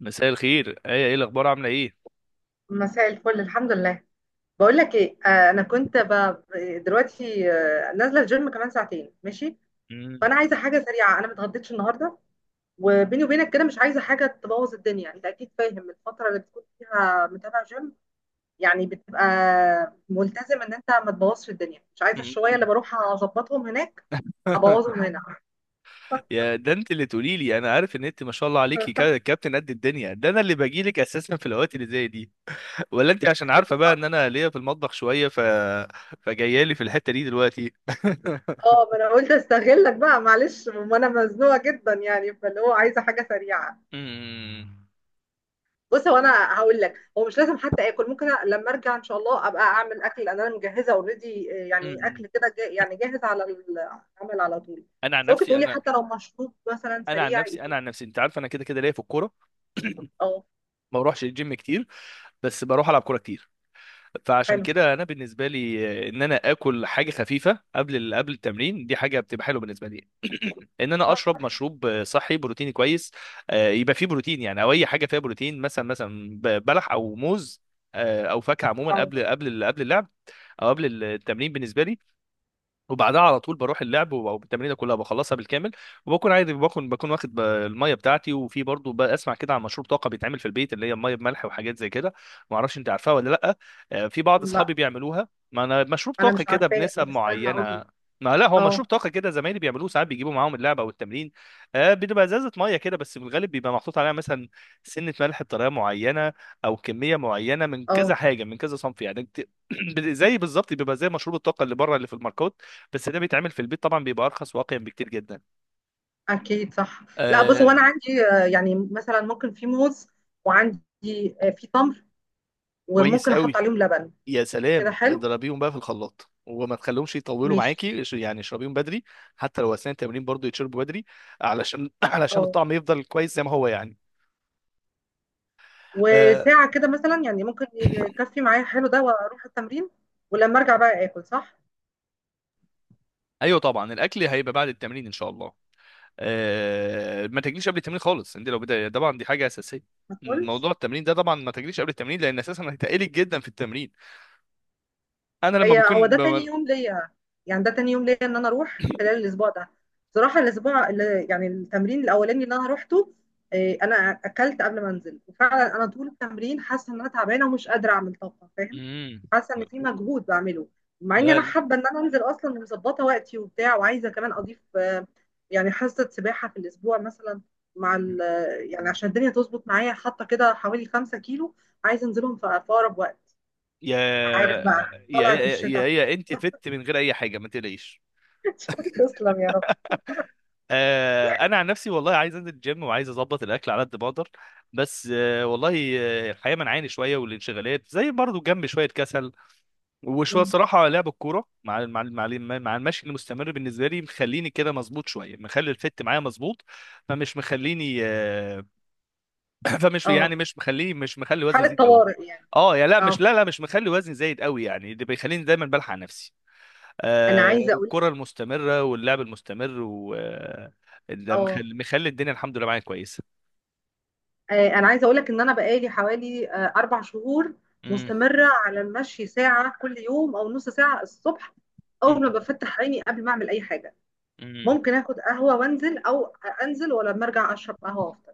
مساء الخير، ايه الاخبار؟ عامله ايه؟ مساء الفل، الحمد لله. بقول لك ايه، دلوقتي نازله الجيم كمان ساعتين، ماشي. مم. فانا عايزه حاجه سريعه، انا ما اتغديتش النهارده. وبيني وبينك كده مش عايزه حاجه تبوظ الدنيا. انت اكيد فاهم الفتره اللي بتكون فيها متابع جيم، يعني بتبقى ملتزم ان انت ما تبوظش الدنيا. مش عايزه الشويه اللي مم. بروح اظبطهم هناك ابوظهم هنا. يا، ده انت اللي تقولي لي. انا عارف ان انت ما شاء الله عليكي كابتن قد الدنيا. ده انا اللي باجي لك اساسا في الاوقات اللي زي دي. ولا انت عشان عارفه بقى ان صح؟ انا ليا في المطبخ شويه. فجايه لي في الحته دي دلوقتي. اه، ما انا قلت استغلك بقى، معلش، ما انا مزنوقه جدا، يعني فاللي هو عايزه حاجه سريعه. مم. بص، هو انا هقول لك، هو مش لازم حتى اكل، ممكن لما ارجع ان شاء الله ابقى اعمل اكل. انا مجهزه اوريدي، يعني مم. اكل كده يعني جاهز على العمل على طول. انا عن بس ممكن نفسي تقولي انا حتى لو مشروب مثلا سريع انا يديني. عن نفسي انت عارف انا كده كده ليا في الكوره. اه. ما بروحش الجيم كتير، بس بروح العب كوره كتير. فعشان حلو. كده انا بالنسبه لي، ان انا اكل حاجه خفيفه قبل التمرين دي حاجه بتبقى حلوه بالنسبه لي. ان انا اشرب صح. مشروب صحي بروتيني كويس. يبقى فيه بروتين يعني، او اي حاجه فيها بروتين، مثلا بلح او موز. او فاكهه عموما، اه. قبل اللعب او قبل التمرين بالنسبه لي. وبعدها على طول بروح اللعب، او التمرينه كلها بخلصها بالكامل. وبكون عادي، بكون واخد الميه بتاعتي. وفي برضه بسمع كده عن مشروب طاقه بيتعمل في البيت، اللي هي الميه بملح وحاجات زي كده. ما اعرفش انت عارفها ولا لا؟ في بعض لا اصحابي بيعملوها. ما انا مشروب انا طاقه مش كده عارفاه، بنسب طب استنى اقول لك. معينه. ما لا، هو مشروب اه. طاقه كده زمايلي بيعملوه ساعات، بيجيبوا معاهم اللعبه او التمرين. بتبقى ازازه ميه كده، بس بالغالب بيبقى محطوط عليها مثلا سنه ملح بطريقه معينه. او كميه معينه من كذا اه. حاجه من كذا صنف يعني. زي بالظبط بيبقى زي مشروب الطاقه اللي بره اللي في الماركات. بس ده بيتعمل في البيت طبعا، بيبقى ارخص واقيا بكتير جدا. اكيد صح. لا بص، هو انا آه عندي، يعني مثلا ممكن في موز، وعندي في تمر، كويس وممكن احط قوي. عليهم لبن. يا كده سلام، حلو. اضربيهم بقى في الخلاط وما تخليهمش يطولوا ماشي. معاكي، يعني اشربيهم بدري. حتى لو اثناء التمرين برضو يتشربوا بدري، علشان اه. الطعم يفضل كويس زي ما هو يعني. آه وساعة كده مثلا يعني ممكن يكفي معايا حلو ده واروح التمرين. ولما ارجع بقى اكل صح. ايوه طبعا، الاكل هيبقى بعد التمرين ان شاء الله. ما تجليش قبل التمرين خالص. انت لو بدأ طبعا، دي حاجه اساسيه. ما اكلش. موضوع التمرين ده طبعا ما تجليش قبل التمرين، لان اساسا هيتقلك جدا في التمرين. انا لما هي هو بكون ده تاني بم... يوم ليا، يعني ده تاني يوم ليا ان انا اروح خلال الاسبوع ده. صراحه الاسبوع اللي يعني التمرين الاولاني اللي انا روحته، إيه، انا اكلت قبل ما انزل، وفعلا انا طول التمرين حاسه ان انا تعبانه ومش قادره اعمل طاقه، فاهم. حاسه ان في مجهود بعمله، مع اني انا لا، حابه ان انا انزل اصلا ومظبطه وقتي وبتاع، وعايزه كمان اضيف يعني حصه سباحه في الاسبوع مثلا، مع ال، يعني عشان الدنيا تظبط معايا. حاطه كده حوالي 5 كيلو، عايزه انزلهم في اقرب وقت. يا عارف بقى، يا طلعت يا يا الشتاء. يا انت فت من غير اي حاجه، ما تقلقيش. تسلم يا رب. انا عن نفسي والله عايز انزل الجيم وعايز اظبط الاكل على قد ما اقدر. بس والله. الحياه منعاني شويه، والانشغالات زي برضو جنب شويه كسل. وشويه مم. صراحه لعب الكوره مع المشي المستمر بالنسبه لي مخليني كده مظبوط شويه، مخلي الفت معايا مظبوط. فمش مخليني، فمش، اه. يعني، مش مخلي وزني حالة يزيد قوي. طوارئ يعني. اه، يا، لا اه. مش لا لا، مش مخلي وزني زايد قوي يعني. اللي بيخليني دايما بلحق نفسي، انا عايزة اقول الكرة لك. المستمرة واللعب المستمر و آه، ده اه. مخلي الدنيا الحمد لله معايا كويسة. انا عايزة اقول لك ان انا بقالي حوالي 4 شهور مم. مستمرة على المشي، ساعة كل يوم او نص ساعة الصبح، اول مم. ما بفتح عيني قبل ما اعمل اي حاجة. مم. ممكن اخد قهوة وانزل، او انزل ولما ارجع اشرب قهوة وافطر.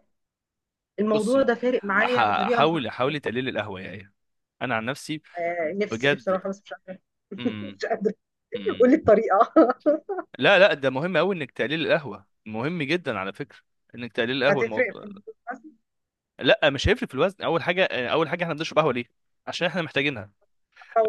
الموضوع بصي، ده فارق معايا ح- بطريقة حاولي حاولي تقللي القهوة يا ايه. انا عن نفسي نفسي بجد. بصراحة، بس مش قادرة. مم. مش قادرة. قولي مم. الطريقة. لا لا، ده مهم قوي انك تقليل القهوة، مهم جدا على فكرة. انك تقليل القهوة هتفرق الموضوع. في الفلوس بس. لا، مش هيفرق في الوزن. اول حاجة، احنا بنشرب قهوة ليه؟ عشان احنا محتاجينها.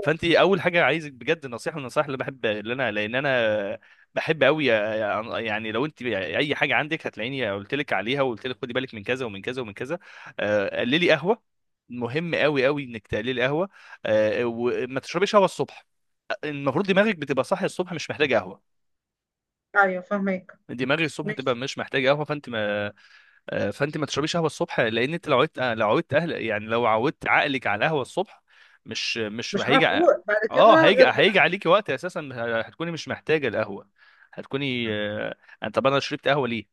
فانت اول حاجه عايزك بجد، نصيحه من النصائح اللي بحب، اللي انا لان انا بحب قوي يعني، لو انت اي حاجه عندك هتلاقيني قلت لك عليها وقلت لك خدي بالك من كذا ومن كذا ومن كذا. قللي قهوه. مهم قوي قوي انك تقللي قهوه. وما تشربيش قهوه الصبح. المفروض دماغك بتبقى صاحيه الصبح، مش محتاجه قهوه. ايوه فاهمك. دماغك الصبح تبقى ماشي. مش محتاجه قهوه، فانت ما... فانت ما تشربيش قهوه الصبح، لان انت لو عودت عقلك على القهوه الصبح. مش مش هيجي ع-. هفوق بعد اه، كده هيجي غير هيجي بالعافيه. عليكي وقت اساسا، هتكوني مش محتاجه القهوه. هتكوني طب انا شربت قهوه ليه؟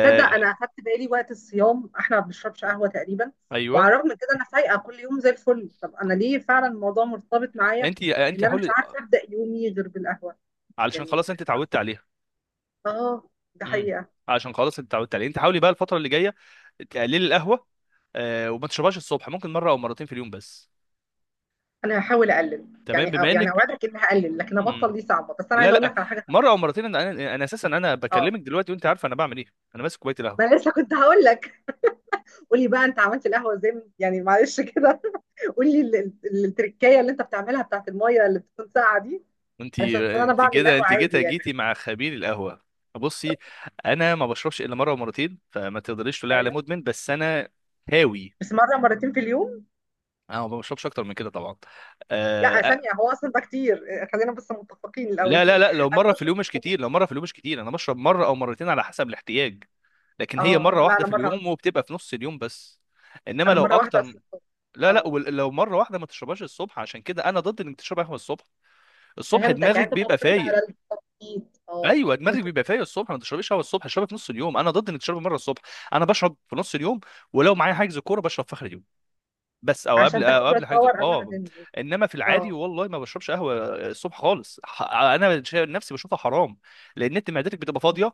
تصدق، انا اخدت بالي وقت الصيام احنا ما بنشربش قهوه تقريبا، ايوه، وعلى الرغم من كده انا فايقه كل يوم زي الفل. طب انا ليه؟ فعلا الموضوع مرتبط معايا انت بان انا مش حاولي. عارفه ابدا يومي غير بالقهوه، علشان يعني. خلاص انت اتعودت عليها. اه. ده امم حقيقه. علشان خلاص انت اتعودت عليها. انت حاولي بقى الفتره اللي جايه تقللي القهوه. وما تشربهاش الصبح. ممكن مره او مرتين في اليوم بس. انا هحاول اقلل، تمام. يعني، أو بما يعني انك اوعدك اني هقلل، لكن ابطل مم. دي صعبه. بس انا لا عايزه اقول لا، لك على حاجه مره ثانيه. او مرتين. انا اساسا انا اه، بكلمك دلوقتي وانت عارفه انا بعمل ايه. انا ماسك كوبايه ما أنا القهوه. لسه كنت هقول لك. قولي بقى، انت عملت القهوه ازاي يعني معلش كده. قولي التركية اللي انت بتعملها بتاعت الميه اللي بتكون ساقعه دي، انت علشان انا انت بعمل كده قهوه انت عادي يعني. جيتي مع خبير القهوه. بصي، انا ما بشربش الا مره ومرتين، فما تقدريش تقولي على ايوه. مدمن، بس انا هاوي. بس مره مرتين في اليوم؟ انا ما بشربش اكتر من كده طبعا. آه لا آه، ثانيه، هو اصلا ده كتير. خلينا بس متفقين الاول. لا لا لا، لو انا مره في بشرب اليوم في مش كتير، الجامعة. لو مره في اليوم مش كتير، انا بشرب مره او مرتين على حسب الاحتياج. لكن هي اه مره لا، واحده انا في مره واحده، اليوم وبتبقى في نص اليوم بس. انما انا لو مره واحده اكتر. اصلا. لا لا، اه. لو مره واحده ما تشربهاش الصبح. عشان كده انا ضد انك تشرب قهوه الصبح. الصبح فهمتك، يعني دماغك انت بيبقى معترض فايق. على التخطيط، اه. ايوه، دماغك ممكن. بيبقى فايق الصبح. ما تشربيش قهوه الصبح، اشربها في نص اليوم. انا ضد انك تشربي مره الصبح. انا بشرب في نص اليوم. ولو معايا حجز كوره بشرب في اخر اليوم، بس، عشان تاخد او شويه قبل حجز. باور قبل ما اه تنزل. انما في اه. العادي والله ما بشربش قهوه الصبح خالص. انا نفسي بشوفها حرام، لان انت معدتك بتبقى فاضيه.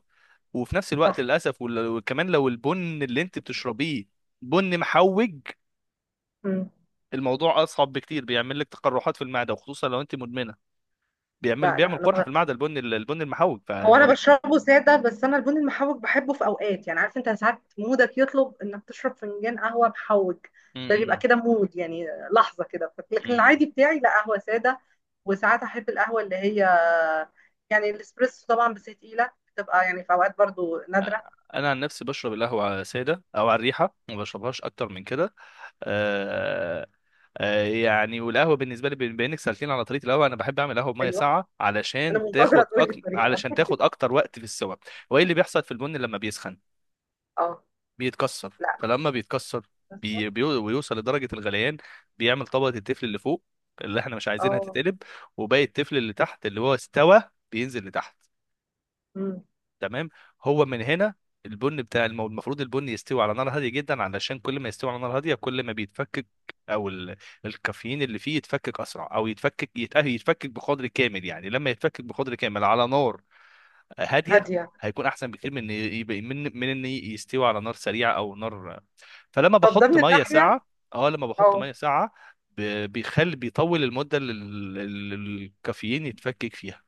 وفي نفس الوقت صح. للاسف، وكمان لو البن اللي انت بتشربيه بن محوج، مم. الموضوع اصعب بكتير، بيعمل لك تقرحات في المعده، وخصوصا لو انت مدمنه. بيعمل لا لا. بيعمل قرحه في انا المعده، البن المحوج هو انا فالموضوع. بشربه ساده، بس انا البن المحوج بحبه في اوقات، يعني عارف انت ساعات مودك يطلب انك تشرب فنجان قهوه محوج. ده بيبقى امم. كده مود يعني، لحظه كده، لكن امم. العادي بتاعي لا، قهوه ساده. وساعات احب القهوه اللي هي، يعني الاسبريسو طبعا، بس هي تقيله بتبقى يعني، في اوقات برضو نادره. انا عن نفسي بشرب القهوه ساده او على الريحه، ما بشربهاش اكتر من كده. آه يعني، والقهوه بالنسبه لي بما انك سالتني على طريقه القهوه، انا بحب اعمل قهوه بميه ايوه، ساقعه انا علشان منتظره تاخد تقول لي الطريقه. علشان تاخد اكتر وقت في السوا. وايه اللي بيحصل في البن لما بيسخن؟ اه. بيتكسر، لا. فلما بيتكسر بس- ويوصل لدرجه الغليان، بيعمل طبقه التفل اللي فوق، اللي احنا مش عايزينها اه. تتقلب. وباقي التفل اللي تحت اللي هو استوى بينزل لتحت. أمم. تمام. هو من هنا، المفروض البن يستوي على نار هاديه جدا، علشان كل ما يستوي على نار هاديه كل ما بيتفكك. او ال... الكافيين اللي فيه يتفكك اسرع، او يتفكك بقدر كامل يعني. لما يتفكك بقدر كامل على نار هاديه، هاديه. هيكون احسن بكتير من إن يبقى من من ان يستوي على نار سريعه او نار. فلما طب ده بحط من ميه الناحيه. ساقعه، اه لما بحط اه ميه ساقعه، بيخلي، بيطول المده اللي ال- الكافيين يتفكك فيها.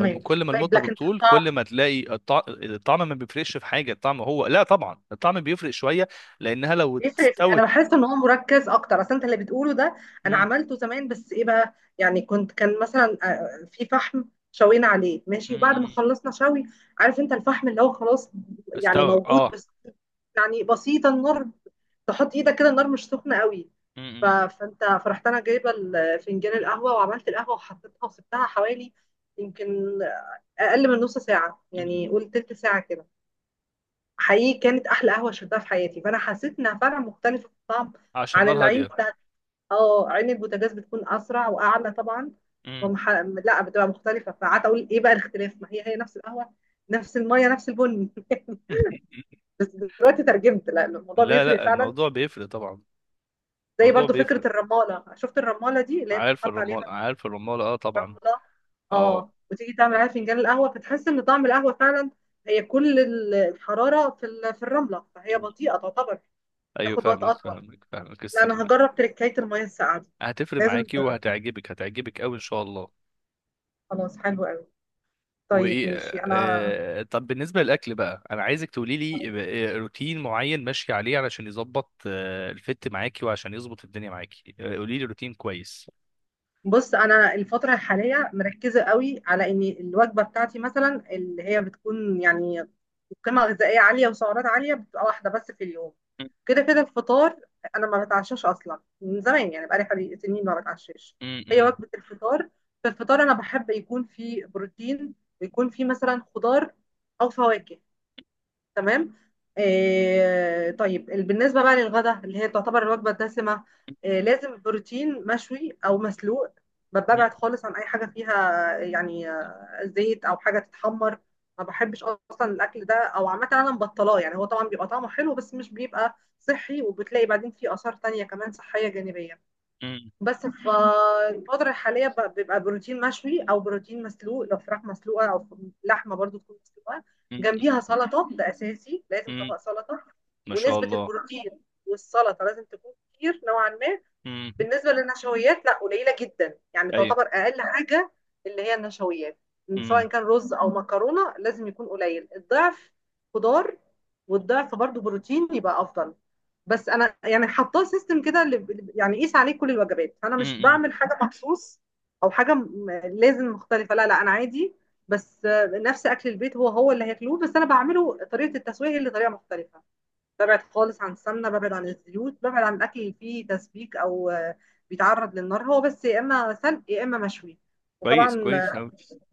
كل ما طيب المدة لكن بتطول كل ما تلاقي الطعم ما بيفرقش في حاجة. الطعم هو، لا طبعا الطعم بيفرق شوية، لأنها لو بيفرق انا استوت... بحس ان هو مركز اكتر، اصل انت اللي بتقوله ده. انا مم، عملته زمان، بس ايه بقى يعني، كنت كان مثلا في فحم شوينا عليه، ماشي؟ مم، وبعد ما مم. خلصنا شوي، عارف انت الفحم اللي هو خلاص، يعني استوى، موجود اه. بس، يعني بسيطه النار، تحط ايدك كده النار مش سخنه قوي. مم، مم، فانت فرحت، انا جايبه فنجان القهوه وعملت القهوه وحطيتها، وسبتها حوالي، يمكن اقل من نص ساعه، مم. يعني قول تلت ساعه كده. حقيقي كانت احلى قهوه شربتها في حياتي، فانا حسيت انها فعلا مختلفه في الطعم عشان عن نار العين هادية. بتاعت. اه، عين البوتاجاز بتكون اسرع واعلى طبعا. مم. فمح... لا بتبقى مختلفه. فقعدت اقول ايه بقى الاختلاف؟ ما هي هي نفس القهوه، نفس الميه، نفس البن. بس دلوقتي ترجمت، لا الموضوع لا بيفرق لا، فعلا. الموضوع بيفرق طبعا. زي الموضوع برضو بيفرق. فكره الرماله، شفت الرماله دي اللي هي عارف بتحط عليها الرمال، عارف الرمال، اه طبعا. الرمله. اه. اه. وتيجي تعمل عليها فنجان القهوه، فتحس ان طعم القهوه فعلا، هي كل الحراره في في الرمله، فهي مم. بطيئه تعتبر، ايوه، تاخد وقت فاهمك اطول. فاهمك فاهمك لا، انا السكين. هجرب تركاية المية الساقعة دي. هتفرق لازم معاكي، وهتعجبك هتعجبك قوي ان شاء الله. خلاص، حلو قوي. طيب وايه، ماشي. انا طب بالنسبه للاكل بقى، انا عايزك تقولي لي روتين معين ماشي عليه علشان يظبط الفت معاكي وعشان يظبط الدنيا معاكي. قولي لي روتين كويس. بص، انا الفترة الحالية مركزة قوي على ان الوجبة بتاعتي مثلا اللي هي بتكون يعني قيمة غذائية عالية وسعرات عالية، بتبقى واحدة بس في اليوم، م- كده كده الفطار. انا ما بتعشاش اصلا من زمان، يعني بقالي حوالي سنين ما بتعشاش. م- هي م- وجبة الفطار، في الفطار انا بحب يكون فيه بروتين، ويكون فيه مثلا خضار او فواكه. تمام. آه طيب بالنسبة بقى للغدا اللي هي تعتبر الوجبة الدسمة، آه لازم بروتين مشوي أو مسلوق. م- ببعد خالص عن أي حاجة فيها يعني زيت أو حاجة تتحمر. ما بحبش أصلا الأكل ده، أو عامة أنا مبطلاه يعني. هو طبعا بيبقى طعمه حلو بس مش بيبقى صحي، وبتلاقي بعدين فيه آثار تانية كمان صحية جانبية. م- بس فالفترة الحالية بيبقى بروتين مشوي أو بروتين مسلوق، لو فراخ مسلوقة أو لحمة برضو تكون مسلوقة، جنبيها م- سلطة. ده أساسي، م- لازم م- طبق سلطة. ما شاء ونسبة الله. البروتين والسلطة لازم تكون كتير نوعا ما. امم. بالنسبة للنشويات لا، قليلة جدا، يعني ايوه. تعتبر أقل حاجة اللي هي النشويات، سواء امم. كان رز أو مكرونة، لازم يكون قليل. الضعف خضار، والضعف برضو بروتين، يبقى أفضل. بس انا يعني حطاه سيستم كده يعني قيس عليه كل الوجبات، انا مش امم. بعمل حاجه مخصوص او حاجه لازم مختلفه، لا لا، انا عادي. بس نفس اكل البيت، هو هو اللي هياكلوه، بس انا بعمله طريقه التسويه هي اللي طريقه مختلفه. ببعد خالص عن السمنه، ببعد عن الزيوت، ببعد عن الاكل اللي فيه تسبيك او بيتعرض للنار، هو بس يا اما سلق يا اما مشوي. كويس وطبعا، كويس أوي.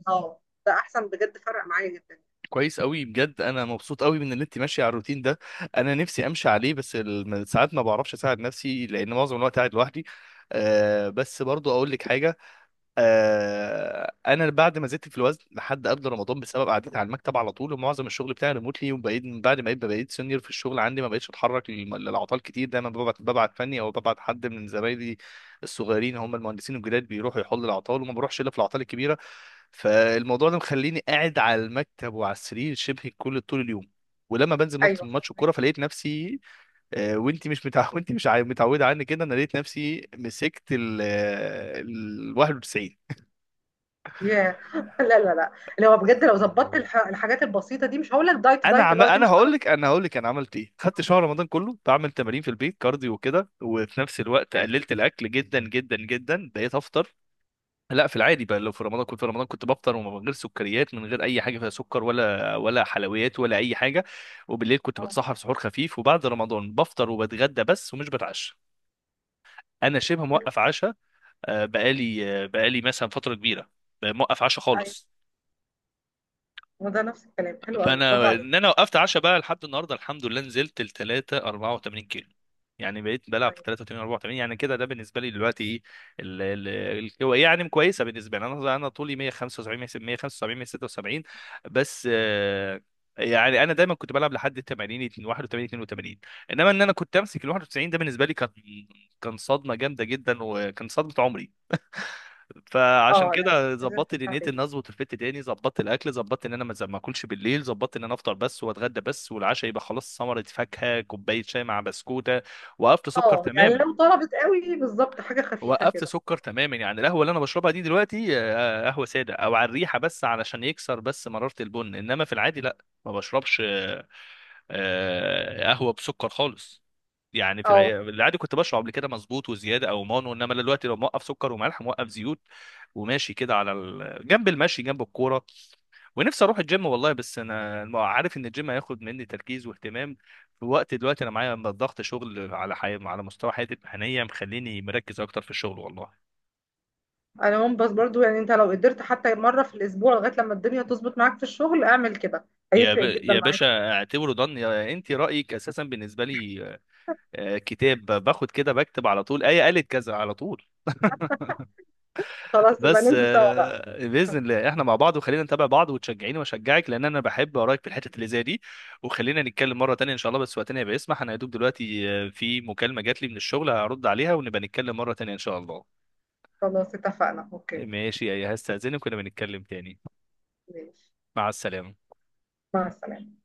اه، ده احسن بجد، فرق معايا جدا. كويس أوي بجد، أنا مبسوط أوي من إن أنت ماشية على الروتين ده. أنا نفسي أمشي عليه، بس ساعات ما بعرفش أساعد نفسي لأن معظم الوقت قاعد لوحدي. بس برضو أقول لك حاجة. انا بعد ما زدت في الوزن لحد قبل رمضان بسبب قعدتي على المكتب على طول، ومعظم الشغل بتاعي ريموتلي، وبقيت من بعد ما بقيت سينيور في الشغل عندي، ما بقيتش اتحرك للعطال كتير. دايما ببعت، فني او ببعت حد من زمايلي الصغيرين، هم المهندسين الجداد بيروحوا يحلوا العطال، وما بروحش الا في العطال الكبيره. فالموضوع ده مخليني قاعد على المكتب وعلى السرير شبه كل طول اليوم. ولما بنزل ايوه. ماتش الكوره، فلقيت نفسي وانت مش وانت مش متعوده عني كده، انا لقيت نفسي مسكت ال 91. ياه. لا لا لا، اللي هو بجد لو ظبطت الحاجات البسيطه دي، مش هقول لك دايت انا دايت اللي هو انا تمشي على هقول لك، انا عملت ايه. خدت الطعام. شهر رمضان كله بعمل تمارين في البيت كارديو وكده، وفي نفس الوقت حلو. قللت الاكل جدا جدا جدا. بقيت افطر، لا في العادي بقى، لو في رمضان كنت بفطر ومن غير سكريات، من غير اي حاجه فيها سكر ولا حلويات ولا اي حاجه. وبالليل كنت اه. بتسحر سحور خفيف. وبعد رمضان، بفطر وبتغدى بس، ومش بتعشى. انا شبه حلو. موقف عشاء. بقالي مثلا فتره كبيره موقف عشاء ايوه. خالص. وده نفس الكلام، حلو قوي، برافو فانا عليك. ان انا وقفت عشاء بقى لحد النهارده، الحمد لله، نزلت ل 3 84 كيلو. يعني بقيت بلعب في ايوه. 83 84 يعني كده، ده بالنسبه لي دلوقتي ايه. يعني كويسه بالنسبه لي. انا طولي 175، 175 176. بس يعني انا دايما كنت بلعب لحد 80، 81، 82. انما ان انا كنت امسك ال 91، ده بالنسبه لي كان، كان صدمه جامده جدا، وكان صدمه عمري. فعشان اه لا، كده لازم ظبطت ترجع دنيتي ان تاني. اظبط الفت تاني، ظبطت الاكل، ظبطت ان انا ما اكلش بالليل، ظبطت ان انا افطر بس واتغدى بس، والعشاء يبقى خلاص ثمره فاكهه، كوبايه شاي مع بسكوته. وقفت سكر اه يعني تماما. لو طلبت قوي، بالظبط حاجه خفيفه وقفت كده. سكر تماما يعني. القهوه اللي انا بشربها دي دلوقتي قهوه ساده او على الريحه، بس علشان يكسر بس مراره البن. انما في العادي لا، ما بشربش قهوه بسكر خالص. يعني في اه. العادي كنت بشرب قبل كده مظبوط وزياده او مانو. انما أنا دلوقتي لو موقف سكر وملح، موقف زيوت. وماشي كده على جنب المشي جنب الكوره. ونفسي اروح الجيم والله، بس انا ما عارف ان الجيم هياخد مني تركيز واهتمام في وقت دلوقتي، انا معايا ضغط شغل على على مستوى حياتي المهنيه مخليني مركز اكتر في الشغل والله. انا هم، بس برضو يعني انت لو قدرت حتى مره في الاسبوع لغايه لما الدنيا تظبط معاك في الشغل، اعمل كده هيفرق جدا يا معاك. باشا، اعتبره ضن. يا انت، رايك اساسا بالنسبه لي كتاب، باخد كده بكتب على طول، ايه قالت كذا على طول. خلاص يبقى بس ننزل سوا بقى. باذن الله احنا مع بعض، وخلينا نتابع بعض وتشجعيني واشجعك لان انا بحب اراك في الحتت اللي زي دي. وخلينا نتكلم مره تانية ان شاء الله بس وقتنا يبقى يسمح. انا يا دوب دلوقتي في مكالمه جات لي من الشغل هرد عليها، ونبقى نتكلم مره تانية ان شاء الله. خلاص، اتفقنا. اوكي. ماشي يا، هستاذنك ونبقى نتكلم تاني. ماشي. مع السلامه. مع السلامه.